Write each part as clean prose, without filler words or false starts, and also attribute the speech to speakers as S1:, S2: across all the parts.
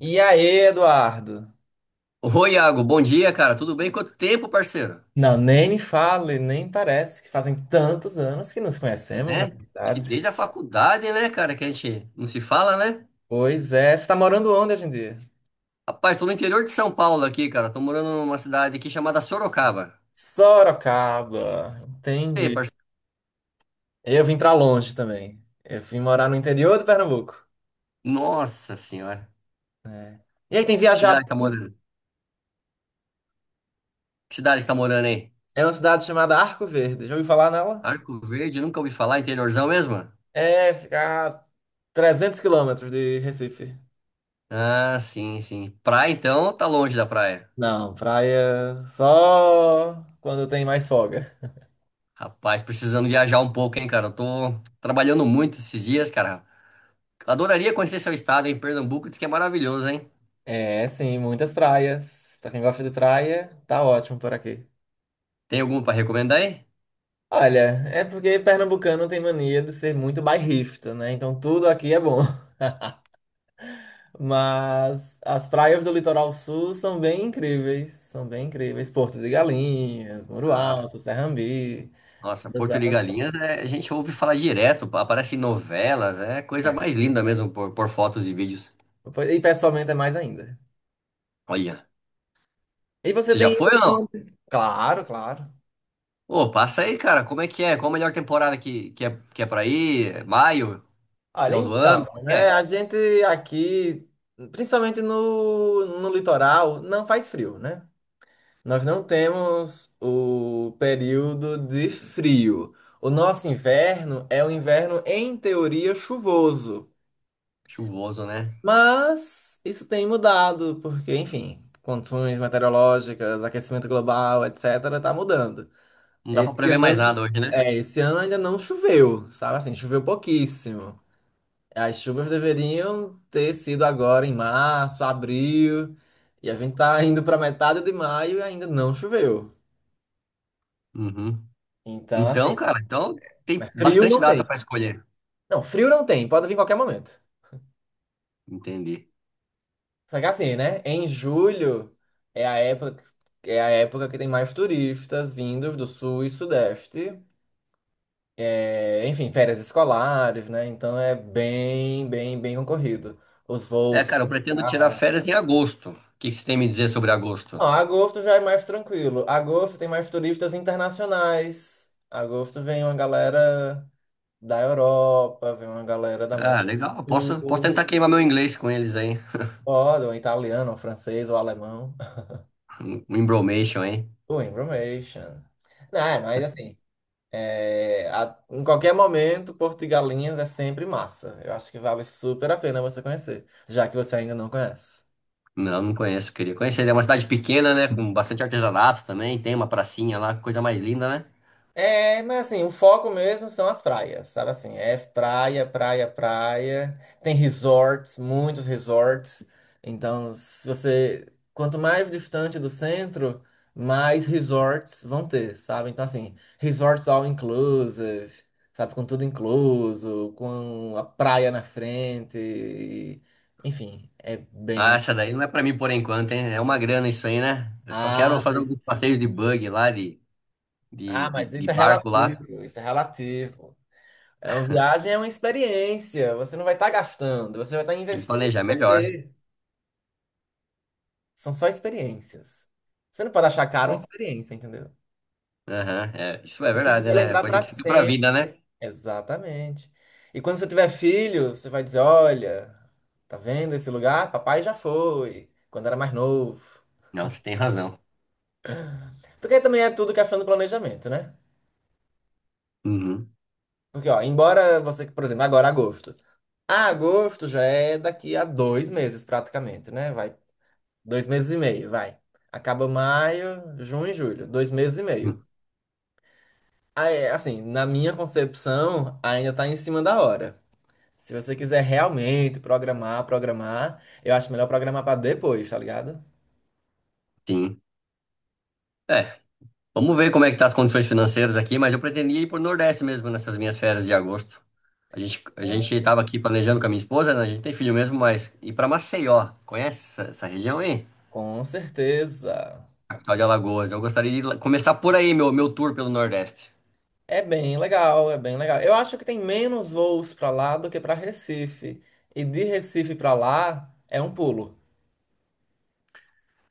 S1: E aí, Eduardo?
S2: Oi, Iago, bom dia, cara. Tudo bem? Quanto tempo, parceiro?
S1: Não, nem me fale, nem parece que fazem tantos anos que nos conhecemos,
S2: Né?
S1: na
S2: Acho que
S1: verdade.
S2: desde a faculdade, né, cara, que a gente não se fala, né?
S1: Pois é, você tá morando onde hoje em dia?
S2: Rapaz, tô no interior de São Paulo aqui, cara. Tô morando numa cidade aqui chamada Sorocaba.
S1: Sorocaba,
S2: E aí,
S1: entendi.
S2: parceiro?
S1: Eu vim pra longe também. Eu vim morar no interior do Pernambuco.
S2: Nossa senhora.
S1: E aí, tem
S2: Que
S1: viajado?
S2: cidade tá morando? Que cidade você tá morando aí?
S1: É uma cidade chamada Arco Verde. Já ouviu falar nela?
S2: Arco Verde, nunca ouvi falar, interiorzão mesmo?
S1: É, fica a 300 quilômetros de Recife.
S2: Ah, sim, sim. Praia, então, tá longe da praia.
S1: Não, praia só quando tem mais folga.
S2: Rapaz, precisando viajar um pouco, hein, cara. Eu tô trabalhando muito esses dias, cara. Adoraria conhecer seu estado, hein? Pernambuco diz que é maravilhoso, hein?
S1: É, sim, muitas praias. Pra quem gosta de praia, tá ótimo por aqui.
S2: Tem alguma para recomendar aí?
S1: Olha, é porque pernambucano tem mania de ser muito bairrista, né? Então tudo aqui é bom. Mas as praias do litoral sul são bem incríveis. São bem incríveis. Porto de Galinhas, Muro
S2: Ah,
S1: Alto, Serrambi.
S2: nossa,
S1: todas
S2: Porto de
S1: elas são-
S2: Galinhas, a gente ouve falar direto, aparece em novelas, é coisa mais linda mesmo por fotos e vídeos.
S1: E pessoalmente é mais ainda.
S2: Olha,
S1: E você
S2: você já
S1: tem
S2: foi
S1: ido
S2: ou
S1: pra
S2: não?
S1: onde? Claro, claro.
S2: Ô, passa aí, cara, como é que é? Qual a melhor temporada que é para ir? É maio?
S1: Olha,
S2: Final do ano?
S1: então,
S2: Como é?
S1: né?
S2: É?
S1: A gente aqui, principalmente no litoral, não faz frio, né? Nós não temos o período de frio. O nosso inverno é um inverno, em teoria, chuvoso.
S2: Chuvoso, né?
S1: Mas isso tem mudado, porque, enfim, condições meteorológicas, aquecimento global, etc., tá mudando.
S2: Não dá para
S1: Esse
S2: prever mais
S1: ano,
S2: nada hoje, né?
S1: Esse ano ainda não choveu, sabe assim, choveu pouquíssimo. As chuvas deveriam ter sido agora em março, abril, e a gente tá indo pra metade de maio e ainda não choveu.
S2: Uhum.
S1: Então,
S2: Então,
S1: assim.
S2: cara, então
S1: Mas
S2: tem
S1: frio
S2: bastante
S1: não tem.
S2: data para escolher.
S1: Não, frio não tem, pode vir em qualquer momento.
S2: Entendi.
S1: Só que assim, né? Em julho é a época, é a época que tem mais turistas vindos do sul e sudeste. É, enfim, férias escolares, né? Então é bem concorrido. Os voos
S2: É,
S1: são
S2: cara, eu
S1: mais
S2: pretendo tirar
S1: caros.
S2: férias em agosto. O que que você tem a me dizer sobre agosto?
S1: Não, agosto já é mais tranquilo. Agosto tem mais turistas internacionais. Agosto vem uma galera da Europa, vem uma galera da América
S2: Ah, legal.
S1: do
S2: Posso
S1: Sul.
S2: tentar queimar meu inglês com eles aí.
S1: Pode, um italiano, um francês ou alemão.
S2: Um embromation, hein?
S1: O Information. Não, é, mas assim, é, a- Em qualquer momento, Porto e Galinhas é sempre massa. Eu acho que vale super a pena você conhecer, já que você ainda não conhece.
S2: Não, não conheço. Queria conhecer. É uma cidade pequena, né? Com bastante artesanato também. Tem uma pracinha lá, coisa mais linda, né?
S1: É, mas assim, o foco mesmo são as praias, sabe assim? É praia, praia, praia. Tem resorts, muitos resorts. Então, se você, Quanto mais distante do centro, mais resorts vão ter, sabe? Então, assim, resorts all inclusive, sabe? Com tudo incluso, com a praia na frente. Enfim, é
S2: Ah,
S1: bem.
S2: essa daí não é pra mim por enquanto, hein? É uma grana isso aí, né? Eu só quero
S1: Ah,
S2: fazer alguns
S1: mas,
S2: passeios de buggy lá, de, de,
S1: ah,
S2: de,
S1: mas
S2: de
S1: isso é
S2: barco lá.
S1: relativo, isso é relativo. É uma viagem, é uma experiência. Você não vai estar gastando, você vai estar
S2: Tem que
S1: investindo
S2: planejar
S1: em
S2: melhor.
S1: você. São só experiências. Você não pode achar caro uma
S2: Ó.
S1: experiência, entendeu?
S2: Aham, é, isso é
S1: Porque você
S2: verdade,
S1: vai
S2: né? É
S1: lembrar
S2: coisa
S1: para
S2: que fica pra
S1: sempre.
S2: vida, né?
S1: Exatamente. E quando você tiver filhos, você vai dizer: olha, tá vendo esse lugar? Papai já foi, quando era mais novo.
S2: Não, você tem razão.
S1: Porque também é tudo questão do planejamento, né?
S2: Uhum.
S1: Porque, ó, embora você, por exemplo, agora agosto. Ah, agosto já é daqui a 2 meses praticamente, né? Vai 2 meses e meio, vai. Acaba maio, junho e julho. 2 meses e meio. Aí, assim, na minha concepção, ainda tá em cima da hora. Se você quiser realmente programar, eu acho melhor programar pra depois, tá ligado?
S2: Sim. É. Vamos ver como é que tá as condições financeiras aqui, mas eu pretendia ir pro Nordeste mesmo nessas minhas férias de agosto. A gente tava aqui planejando com a minha esposa, né? A gente tem filho mesmo, mas ir pra Maceió. Conhece essa região aí?
S1: Com certeza.
S2: Capital de Alagoas. Eu gostaria de ir começar por aí, meu tour pelo Nordeste.
S1: É bem legal, é bem legal. Eu acho que tem menos voos pra lá do que pra Recife. E de Recife pra lá é um pulo.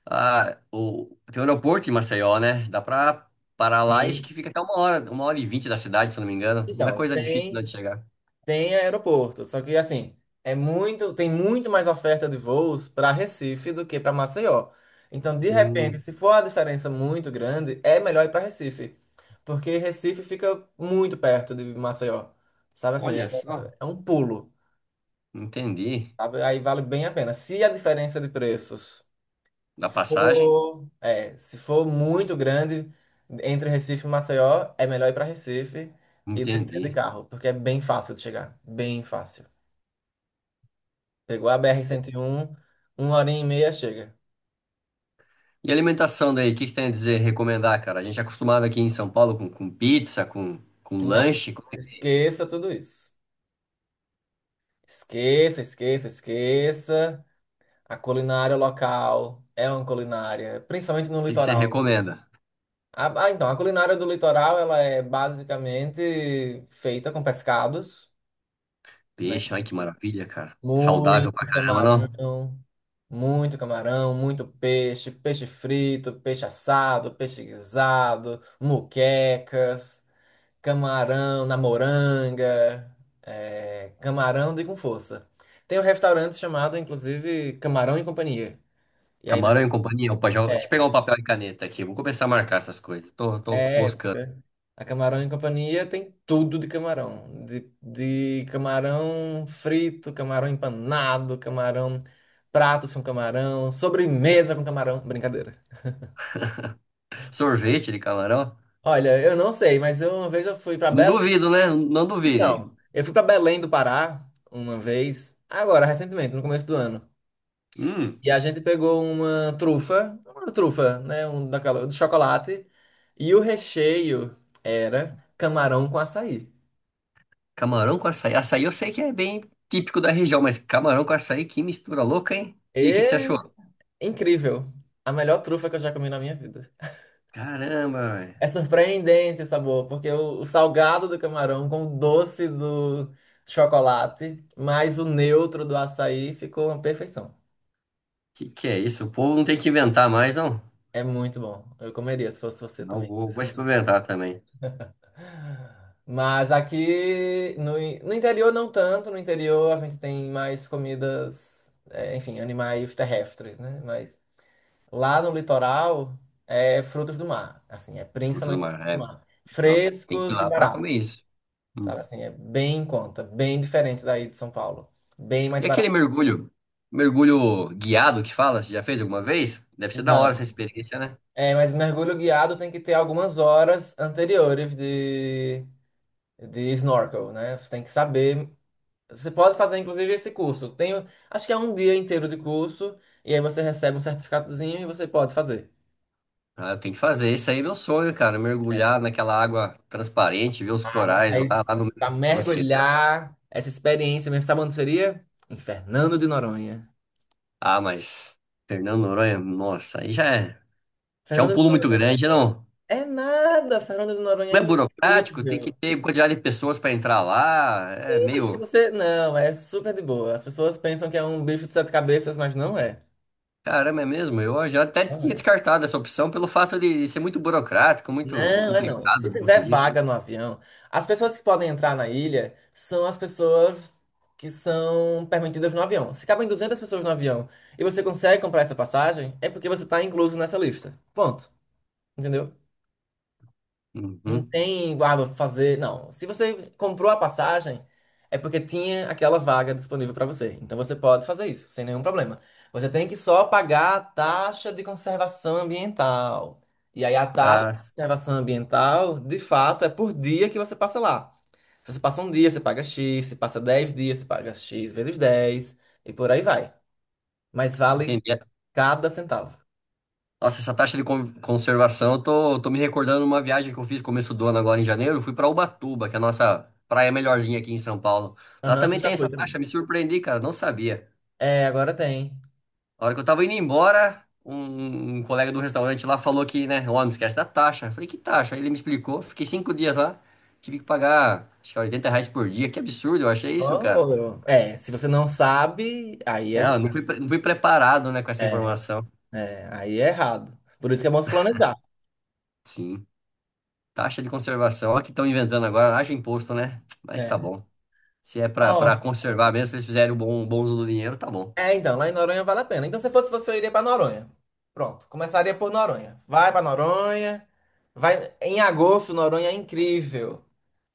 S2: Ah, o, tem um aeroporto em Maceió, né? Dá pra parar lá e acho
S1: Tem.
S2: que fica até uma hora, 1 hora e 20 da cidade, se eu não me engano. Não é
S1: Então,
S2: coisa difícil não,
S1: tem.
S2: de chegar.
S1: Tem aeroporto, só que assim, é muito, tem muito mais oferta de voos para Recife do que para Maceió. Então, de repente,
S2: Hum,
S1: se for a diferença muito grande, é melhor ir para Recife, porque Recife fica muito perto de Maceió. Sabe assim,
S2: olha só.
S1: é um pulo,
S2: Entendi.
S1: sabe? Aí vale bem a pena. Se a diferença de preços
S2: Da passagem?
S1: for, é, Se for muito grande entre Recife e Maceió, é melhor ir para Recife e descer de
S2: Entendi.
S1: carro, porque é bem fácil de chegar, bem fácil. Pegou a br um uma hora e meia chega.
S2: E alimentação daí, o que que você tem a dizer, recomendar, cara? A gente é acostumado aqui em São Paulo com pizza, com
S1: Não,
S2: lanche. O
S1: esqueça tudo isso. Esqueça. A culinária local é uma culinária, principalmente no
S2: que que você
S1: litoral.
S2: recomenda?
S1: A culinária do litoral, ela é basicamente feita com pescados, né?
S2: Peixe, ai que maravilha, cara. Saudável pra
S1: Muito
S2: caramba, não?
S1: camarão, muito camarão, muito peixe, peixe frito, peixe assado, peixe guisado, muquecas. Camarão na moranga. É, camarão de com força. Tem um restaurante chamado, inclusive, Camarão e Companhia. E aí, na
S2: Camarão e companhia. Opa, já, deixa eu pegar
S1: é,
S2: um papel e caneta aqui. Vou começar a marcar essas coisas. Tô
S1: é
S2: moscando.
S1: época, A Camarão e Companhia tem tudo de camarão. De camarão frito, camarão empanado, camarão, pratos com camarão, sobremesa com camarão. Brincadeira.
S2: Sorvete de camarão?
S1: Olha, eu não sei, uma vez eu fui para
S2: Não
S1: Belém.
S2: duvido, né? Não duvide.
S1: Então, eu fui para Belém do Pará uma vez, agora, recentemente, no começo do ano.
S2: Hum,
S1: E a gente pegou uma trufa, né? Um daquela, de chocolate. E o recheio era camarão com açaí.
S2: camarão com açaí. Açaí eu sei que é bem típico da região, mas camarão com açaí, que mistura louca, hein? E aí, o que que você
S1: E
S2: achou?
S1: incrível. A melhor trufa que eu já comi na minha vida.
S2: Caramba, velho.
S1: É surpreendente o sabor, porque o salgado do camarão com o doce do chocolate, mais o neutro do açaí, ficou uma perfeição.
S2: Que é isso? O povo não tem que inventar mais, não?
S1: É muito bom. Eu comeria se fosse você
S2: Não,
S1: também.
S2: vou experimentar também.
S1: Mas aqui no interior não tanto, no interior a gente tem mais comidas, é, enfim, animais terrestres, né? Mas lá no litoral é frutos do mar, assim, é
S2: Fruto do
S1: principalmente
S2: mar,
S1: frutos do
S2: é.
S1: mar.
S2: Não, tem que ir
S1: Frescos e
S2: lá pra comer
S1: baratos,
S2: isso.
S1: sabe?
S2: Uhum.
S1: Assim, é bem em conta, bem diferente daí de São Paulo, bem mais
S2: E
S1: barato.
S2: aquele mergulho, mergulho guiado que fala, você já fez alguma vez? Deve ser da hora
S1: Não.
S2: essa experiência, né?
S1: É, mas mergulho guiado tem que ter algumas horas anteriores de snorkel, né? Você tem que saber. Você pode fazer, inclusive, esse curso. Tem, acho que é um dia inteiro de curso, e aí você recebe um certificadozinho e você pode fazer.
S2: Ah, eu tenho que fazer. Isso aí é meu sonho, cara.
S1: É.
S2: Mergulhar naquela água transparente, ver os
S1: Ah, mas
S2: corais
S1: aí,
S2: lá no
S1: pra
S2: meio do oceano.
S1: mergulhar essa experiência mesmo, sabe onde seria? Em Fernando de Noronha.
S2: Ah, mas Fernando Noronha, nossa, aí já é um
S1: Fernando de
S2: pulo muito
S1: Noronha
S2: grande, não?
S1: é nada, Fernando de Noronha é
S2: Não é burocrático, tem que
S1: incrível.
S2: ter quantidade de pessoas para entrar lá. É
S1: Sim, mas se
S2: meio.
S1: você. Não, é super de boa. As pessoas pensam que é um bicho de sete cabeças, mas não é.
S2: Caramba, é mesmo? Eu já até
S1: Não
S2: tinha
S1: é.
S2: descartado essa opção pelo fato de ser muito burocrático, muito
S1: Não, é não. Se
S2: complicado de
S1: tiver
S2: conseguir.
S1: vaga no avião, as pessoas que podem entrar na ilha são as pessoas que são permitidas no avião. Se cabem 200 pessoas no avião e você consegue comprar essa passagem, é porque você está incluso nessa lista. Ponto. Entendeu? Não
S2: Uhum.
S1: tem, ah, vou fazer. Não. Se você comprou a passagem, é porque tinha aquela vaga disponível para você. Então você pode fazer isso, sem nenhum problema. Você tem que só pagar a taxa de conservação ambiental. E aí a taxa
S2: Ah,
S1: de conservação ambiental, de fato, é por dia que você passa lá. Se você passa um dia, você paga X. Se passa 10 dias, você paga X vezes 10. E por aí vai. Mas vale
S2: entendi.
S1: cada centavo.
S2: Nossa, essa taxa de conservação, eu tô me recordando de uma viagem que eu fiz começo do ano agora em janeiro. Eu fui pra Ubatuba, que é a nossa praia melhorzinha aqui em São Paulo. Lá
S1: Aham,
S2: também
S1: já
S2: tem
S1: foi
S2: essa
S1: também.
S2: taxa, me surpreendi, cara, não sabia.
S1: É, agora tem.
S2: A hora que eu tava indo embora, um colega do restaurante lá falou que, né, ó, não esquece da taxa. Eu falei, que taxa? Aí ele me explicou. Fiquei 5 dias lá, tive que pagar, acho que R$ 80 por dia. Que absurdo, eu achei isso, cara.
S1: Oh, é, se você não sabe, aí é
S2: É, eu não fui,
S1: difícil.
S2: não fui preparado, né, com essa
S1: É,
S2: informação.
S1: aí é errado. Por isso que é bom se planejar.
S2: Sim, taxa de conservação. Olha o que estão inventando agora, acha imposto, né? Mas tá
S1: É.
S2: bom. Se é pra, pra
S1: Ó,
S2: conservar mesmo, se eles fizerem um bom, bom uso do dinheiro, tá bom.
S1: é, então, lá em Noronha vale a pena. Então, se fosse você, eu iria pra Noronha. Pronto, começaria por Noronha. Vai pra Noronha. Vai em agosto, Noronha é incrível.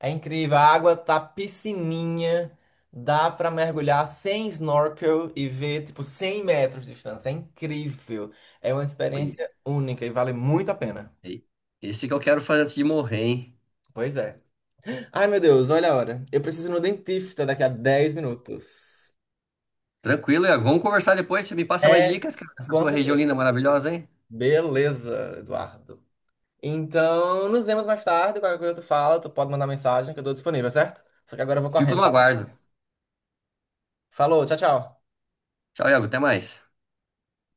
S1: É incrível, a água tá piscininha, dá pra mergulhar sem snorkel e ver tipo 100 metros de distância. É incrível. É uma
S2: Olha,
S1: experiência única e vale muito a pena.
S2: aí. Esse que eu quero fazer antes de morrer, hein?
S1: Pois é. Ai, meu Deus, olha a hora. Eu preciso ir no dentista daqui a 10 minutos.
S2: Tranquilo, Iago. Vamos conversar depois. Você me passa mais
S1: É,
S2: dicas, cara, dessa
S1: com
S2: sua região
S1: certeza.
S2: linda, maravilhosa, hein?
S1: Beleza, Eduardo. Então, nos vemos mais tarde. Qualquer coisa tu fala, tu pode mandar mensagem que eu tô disponível, certo? Só que agora eu vou
S2: Fico
S1: correndo,
S2: no
S1: tá?
S2: aguardo.
S1: Falou, tchau, tchau.
S2: Tchau, Iago. Até mais.